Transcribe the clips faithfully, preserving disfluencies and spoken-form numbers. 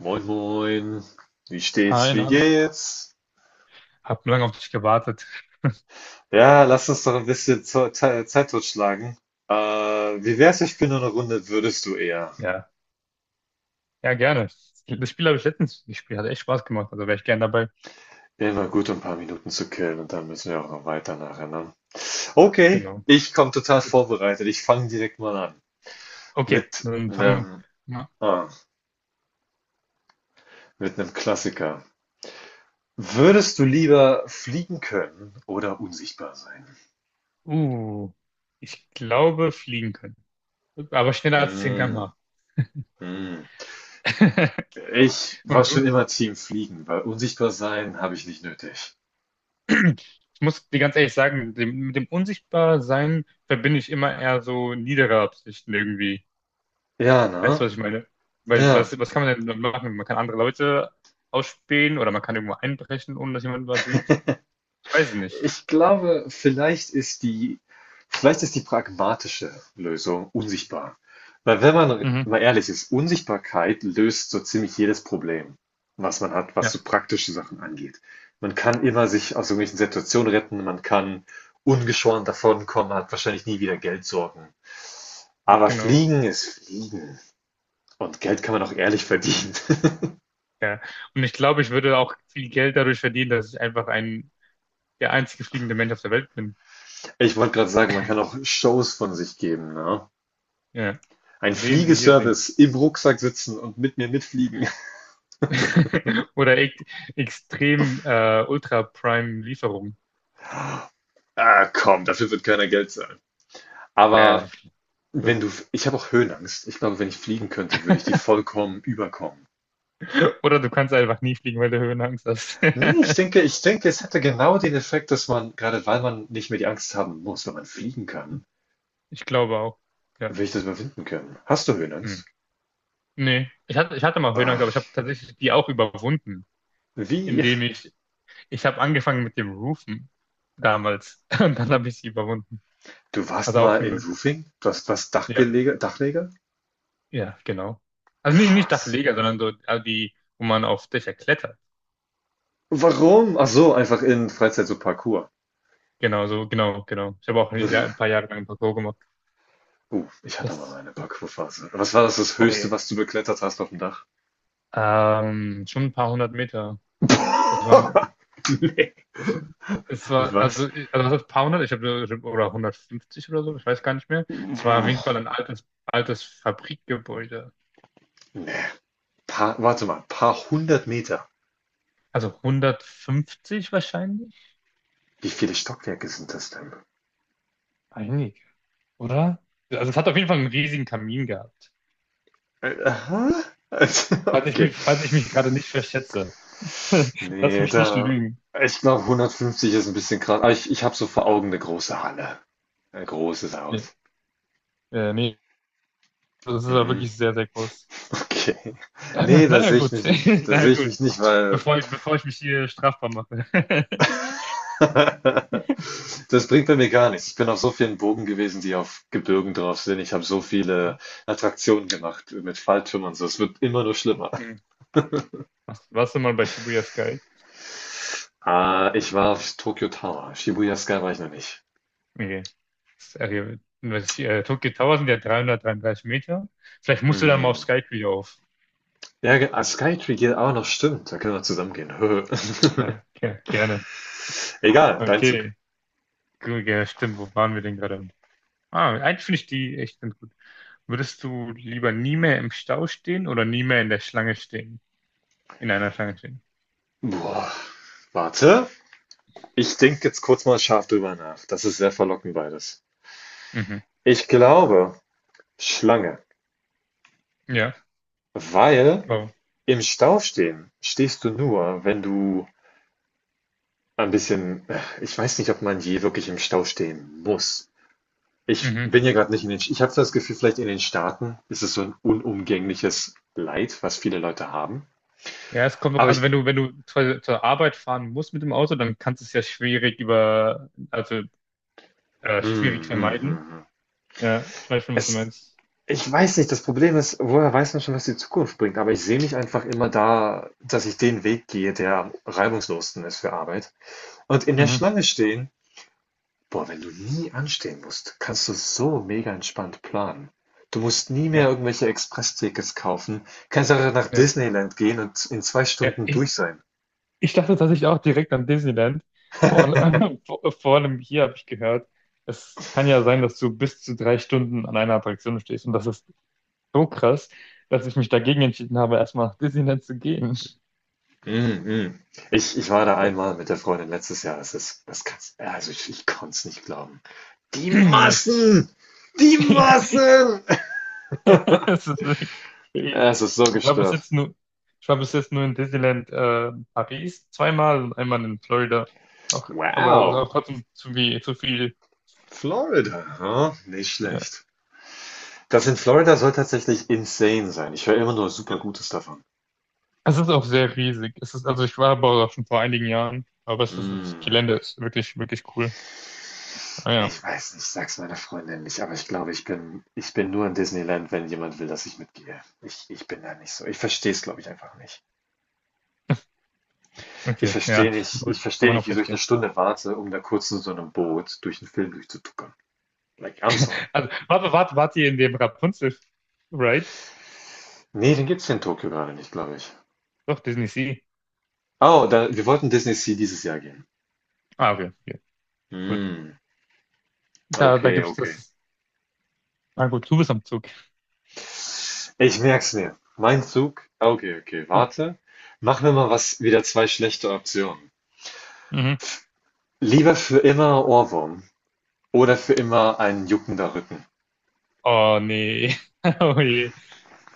Moin, moin. Wie steht's? Hi, Wie na, alles. geht's? Hab lange auf dich gewartet. Ja, lass uns doch ein bisschen Zo- Te- Zeit totschlagen. Äh, Wie wär's, ich bin nur eine Runde, würdest du eher? Ja, ja, gerne. Das Spiel habe ich letztens gespielt, hat echt Spaß gemacht, also wäre ich gern dabei. Immer gut, um ein paar Minuten zu killen und dann müssen wir auch noch weiter nachher, ne? Okay, Genau. ich komme total vorbereitet. Ich fange direkt mal an. Okay, Mit dann fangen einem, wir mal. ah, mit einem Klassiker. Würdest du lieber fliegen können oder unsichtbar sein? Uh, Ich glaube, fliegen können. Aber schneller als 10 Mm, km/h. mm. Ich war Und du? schon immer Team Fliegen, weil unsichtbar sein habe ich nicht nötig. Ich muss dir ganz ehrlich sagen, mit dem, mit dem Unsichtbarsein verbinde ich immer eher so niedere Absichten irgendwie. Ja, Weißt du, ne? was ich meine? Weil Ja. was, was kann man denn machen? Man kann andere Leute ausspähen oder man kann irgendwo einbrechen, ohne dass jemand was sieht. Weiß nicht. Ich glaube, vielleicht ist die vielleicht ist die pragmatische Lösung unsichtbar. Weil wenn man Mhm. mal ehrlich ist, Unsichtbarkeit löst so ziemlich jedes Problem, was man hat, was Ja, so praktische Sachen angeht. Man kann immer sich aus irgendwelchen Situationen retten, man kann ungeschoren davonkommen, man hat wahrscheinlich nie wieder Geldsorgen. Aber genau. Fliegen ist Fliegen. Und Geld kann man auch ehrlich verdienen. Ja. Und ich glaube, ich würde auch viel Geld dadurch verdienen, dass ich einfach ein, der einzige fliegende Mensch auf der Welt bin. Ich wollte gerade sagen, man kann auch Shows von sich geben, ne? Ja. Ein Sehen Sie hier den. Fliegeservice im Rucksack sitzen und mit mir mitfliegen. Oder ek- extrem äh, Ultra Prime Lieferung. Ah, komm, dafür wird keiner Geld zahlen. Ja, Aber gut. wenn du, ich habe auch Höhenangst. Ich glaube, wenn ich fliegen könnte, würde ich die vollkommen überkommen. Oder du kannst einfach nie fliegen, weil du Höhenangst hast. Nee, ich denke, ich denke, es hätte genau den Effekt, dass man, gerade weil man nicht mehr die Angst haben muss, wenn man fliegen kann, Ich glaube auch. Ja. will ich das überwinden können. Hast du Höhenangst? Hm. Nee, ich hatte, ich hatte mal Höhenangst, aber ich habe Ach, tatsächlich die auch überwunden, wie? indem ich, ich habe angefangen mit dem Rufen damals und dann habe ich sie überwunden. Du warst Also auch, mal in ein- Roofing? Du hast was ja, Dachgelege, Dachleger? ja, genau. Also nicht, nicht Krass. Dachleger, sondern so also die, wo man auf Dächer klettert. Warum? Ach so, einfach in Freizeit so Parkour. Genau, so, genau, genau. Ich habe auch ja, ein paar Jahre lang ein Parkour gemacht. Uh, ich hatte mal Das, meine Parkour-Phase. Was war das, das oh Höchste, je. was du beklettert hast auf dem Dach? Ähm, schon ein paar hundert Meter. Das waren, Nee. das, es war, also, Was? also das paar hundert, ich habe, oder hundertfünfzig oder so, ich weiß gar nicht mehr. Es war auf Nee. jeden Fall ein altes, altes Fabrikgebäude. Paar, warte mal, paar hundert Meter. Also hundertfünfzig wahrscheinlich? Wie viele Stockwerke sind das denn? Einige oder? Also es hat auf jeden Fall einen riesigen Kamin gehabt. Äh, Aha. Also, Falls ich okay. mich, falls ich mich gerade nicht verschätze. Lass Nee, mich nicht da. lügen. Ich glaube, hundertfünfzig ist ein bisschen krass. Aber ich, ich habe so vor Augen eine große Halle. Ein großes Nee, Haus. äh, nee, das ist ja Mhm. wirklich sehr, sehr groß. Okay. Nee, da Naja, sehe ich gut. mich nicht. Da Naja, sehe ich gut. mich nicht, weil Bevor ich, bevor ich mich hier strafbar mache. das bringt bei mir gar nichts. Ich bin auf so vielen Burgen gewesen, die auf Gebirgen drauf sind. Ich habe so Ja. viele Attraktionen gemacht mit Falltürmen und so. Es wird immer nur schlimmer. Hm. Warst warst du mal bei Shibuya Sky? Ah, ich war auf Tokyo Tower. Shibuya Sky war ich noch nicht. Nee. Sorry. Was ich, äh, Tokyo Tower sind ja dreihundertdreiunddreißig Meter. Vielleicht musst du dann mal auf Mm. Skype wieder auf. Ja, ge- ah, Skytree geht auch noch, stimmt. Da können wir zusammen gehen. Ja, ge- gerne. Egal, dein Zug. Okay. Gut, ja, stimmt. Wo waren wir denn gerade? Ah, eigentlich finde ich die echt ganz gut. Würdest du lieber nie mehr im Stau stehen oder nie mehr in der Schlange stehen? In einer Schlange stehen. Boah, warte. Ich denke jetzt kurz mal scharf drüber nach. Das ist sehr verlockend beides. Mhm. Ich glaube, Schlange. Ja. Weil Wow. im Stau stehen stehst du nur, wenn du ein bisschen ich weiß nicht, ob man je wirklich im Stau stehen muss. Ich Mhm. bin ja gerade nicht in den, ich habe so das Gefühl, vielleicht in den Staaten ist es so ein unumgängliches Leid, was viele Leute haben. Ja, es kommt, auch. Aber also ich wenn du, wenn du zur, zur Arbeit fahren musst mit dem Auto, dann kannst du es ja schwierig über, also äh, mhm, schwierig mhm, mhm, vermeiden. mhm. Ja, ich weiß schon, was du Es meinst. ich weiß nicht, das Problem ist, woher weiß man schon, was die Zukunft bringt? Aber ich sehe mich einfach immer da, dass ich den Weg gehe, der am reibungslosesten ist für Arbeit. Und in der Mhm. Schlange stehen boah, wenn du nie anstehen musst, kannst du so mega entspannt planen. Du musst nie mehr Ja, irgendwelche Expresstickets kaufen, kannst einfach nach ja. Disneyland gehen und in zwei Ja, Stunden ich, durch sein. Ich dachte tatsächlich auch direkt an Disneyland. Vor, allem- vor, vor allem hier habe ich gehört, es kann ja sein, dass du bis zu drei Stunden an einer Attraktion stehst und das ist so krass, dass ich mich dagegen entschieden habe, erstmal nach Disneyland zu gehen. Mm, mm. Ich, ich war da Weil, einmal mit der Freundin letztes Jahr. Es ist, das kannst, also ich, ich konnte es nicht glauben. Die nee, ich, Massen! Die Massen! es ist wirklich Ja, crazy. es ist so ich war bis gestört. jetzt nur, Ich war bis jetzt nur in Disneyland äh, Paris zweimal und einmal in Florida. Auch, aber es ist Wow, auch trotzdem zu viel, zu viel. Florida, huh? Nicht Ja. schlecht. Das in Florida soll tatsächlich insane sein. Ich höre immer nur super Gutes davon. Es ist auch sehr riesig. Es ist, also ich war aber auch schon vor einigen Jahren, aber es ist, das Mm. Gelände ist wirklich, wirklich cool. Ah ja. Ich weiß nicht, sag's meiner Freundin nicht, aber ich glaube, ich bin, ich bin nur in Disneyland, wenn jemand will, dass ich mitgehe. Ich, ich bin da nicht so. Ich verstehe es, glaube ich, einfach nicht. Ich Okay, verstehe ja, nicht, ich gut, das kann verstehe man auch nicht, wieso ich eine verstehen. Stunde warte, um da kurz in so einem Boot durch den Film durchzutuckern. Like, I'm sorry. Also, warte, warte, wart ihr in dem Rapunzel-Ride? Nee, den gibt's hier in Tokio gerade nicht, glaube ich. Doch, Disney Sea. Oh, da, wir wollten Disney Sea dieses Jahr gehen. Ah, okay. Okay. Gut. Hm, Da, da okay, gibt's okay. das. Na gut, du bist am Zug. Ich merk's mir. Mein Zug. Okay, okay, Hm. warte. Machen wir mal was, wieder zwei schlechte Optionen. Mhm. Lieber für immer Ohrwurm oder für immer ein juckender Rücken. Oh nee. Oh je.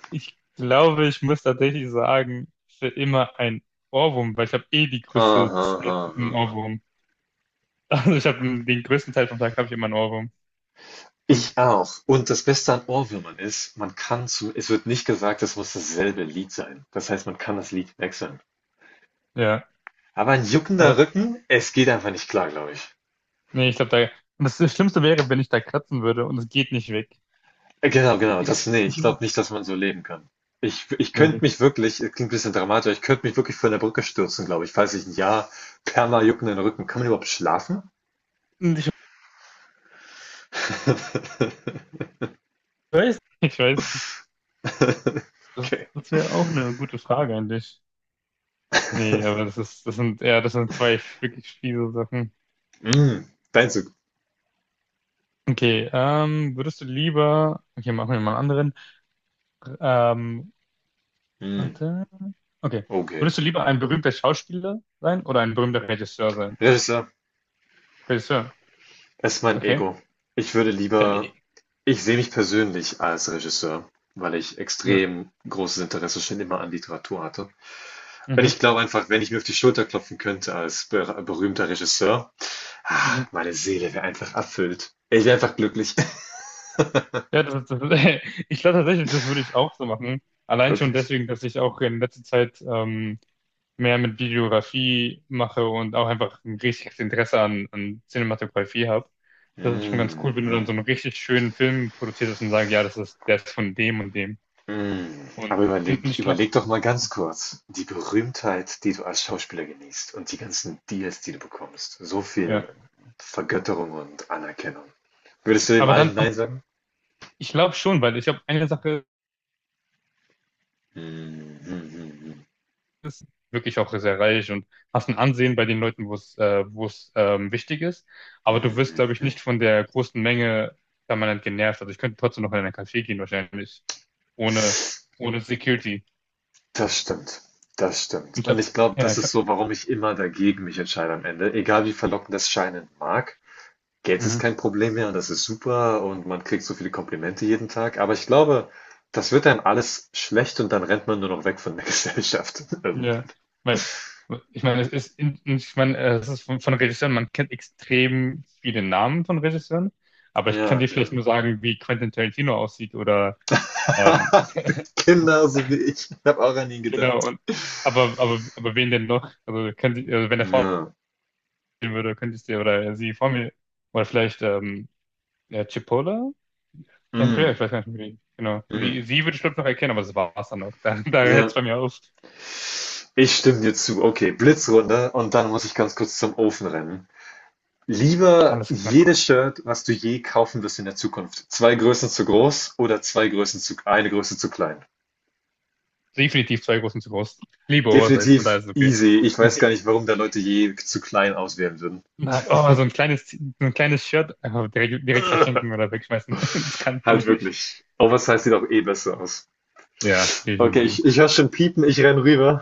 Ich glaube, ich muss tatsächlich sagen, für immer ein Ohrwurm, weil ich habe eh die Aha, größte Zeit aha, einen aha. Ohrwurm. Also ich habe den größten Teil vom Tag habe ich immer einen Ohrwurm. Und Ich auch. Und das Beste an Ohrwürmern ist, man kann zum, es wird nicht gesagt, es muss dasselbe Lied sein. Das heißt, man kann das Lied wechseln. ja, Aber ein juckender aber Rücken, es geht einfach nicht klar, glaube ich. nee, ich glaube da. Und das Schlimmste wäre, wenn ich da kratzen würde und es geht nicht weg. Äh, Genau, genau, das, nee, ich glaube nicht, dass man so leben kann. Ich, ich könnte Nee. mich wirklich, es klingt ein bisschen dramatisch, aber ich könnte mich wirklich von der Brücke stürzen, glaube ich, falls ich ein Jahr perma juckenden Rücken. Kann man überhaupt schlafen? Und Ich weiß, ich weiß. Das, Okay. das wäre auch eine gute Frage eigentlich. Nee, aber das ist, das sind, ja, das sind zwei wirklich fiese Sachen. Mm, dein Zug. Okay, ähm, würdest du lieber, okay, machen wir mal einen anderen. Ähm, Mm, warte, okay. okay. Würdest du lieber ein berühmter Schauspieler sein oder ein berühmter Regisseur sein? Regisseur Regisseur, ist mein okay. Ego. Ich würde Ja, lieber nee. ich sehe mich persönlich als Regisseur, weil ich Ja, extrem großes Interesse schon immer an Literatur hatte. Und mhm, ich glaube einfach, wenn ich mir auf die Schulter klopfen könnte als ber berühmter Regisseur, ah, mhm. meine Seele wäre einfach erfüllt. Ich wäre einfach glücklich. Ja, das ist, das ist, ich glaube tatsächlich, das würde ich auch so machen. Allein schon Wirklich. deswegen, dass ich auch in letzter Zeit, ähm, mehr mit Videografie mache und auch einfach ein richtiges Interesse an, an Cinematografie habe. Das ist schon ganz cool, wenn du dann Mhm. so einen richtig schönen Film produziert hast und sagst, ja, das ist, der ist von dem und dem. Mhm. Aber Und, überleg, und ich glaube, überleg doch mal ganz kurz, die Berühmtheit, die du als Schauspieler genießt und die ganzen Deals, die du bekommst, so ja. viel Vergötterung und Anerkennung. Würdest du dem Aber dann, allen ähm, Nein sagen? ich glaube schon, weil ich glaube, eine Sache Hm, hm, hm, ist wirklich auch sehr reich und hast ein Ansehen bei den Leuten, wo es, äh, wo es ähm, wichtig ist. hm, Aber du wirst, hm, glaube ich, hm. nicht von der großen Menge permanent genervt. Also ich könnte trotzdem noch in einen Café gehen, wahrscheinlich, ohne, ohne Security. Das stimmt. Das stimmt. Ich Und hab, ich glaube, ja, das ich ist hab, so, warum ich immer dagegen mich entscheide am Ende. Egal wie verlockend das scheinen mag. Geld ist mhm. kein Problem mehr und das ist super und man kriegt so viele Komplimente jeden Tag. Aber ich glaube, das wird einem alles schlecht und dann rennt man nur noch weg von der Gesellschaft Ja, irgendwann. weil ich meine, es ist, in- ich meine, es ist von, von Regisseuren, man kennt extrem viele Namen von Regisseuren, aber ich kann Ja, dir vielleicht ja. nur sagen, wie Quentin Tarantino aussieht oder ähm, Kinder, so wie ich. Ich habe auch an ihn genau gedacht. und aber aber aber wen denn noch? Also, könnt, ihr- also wenn er vor mir Ja. stehen würde, könntest du oder sie vor mir oder vielleicht ähm, ja, Chipola, Andrea, ich Mm, weiß gar nicht wie. Genau, sie mm. sie würde ich glaube noch erkennen, aber das war es dann auch. Da, da hört es Ja. bei mir auf. Ich stimme dir zu. Okay, Blitzrunde und dann muss ich ganz kurz zum Ofen rennen. Lieber Alles klar. jedes Shirt, was du je kaufen wirst in der Zukunft. Zwei Größen zu groß oder zwei Größen zu, eine Größe zu klein. Definitiv zwei großen zu groß. Ich Liebe Oversize, von daher Definitiv ist es okay. easy. Ich weiß gar nicht, warum da Leute je zu klein auswählen würden. Na, oh, so ein kleines, so ein kleines Shirt einfach direkt, direkt verschenken oder wegschmeißen. Das kann, kann Halt ich nicht. wirklich. Oversize sieht auch eh besser aus. Ja, Okay, definitiv. ich, ich höre schon piepen, ich renn rüber.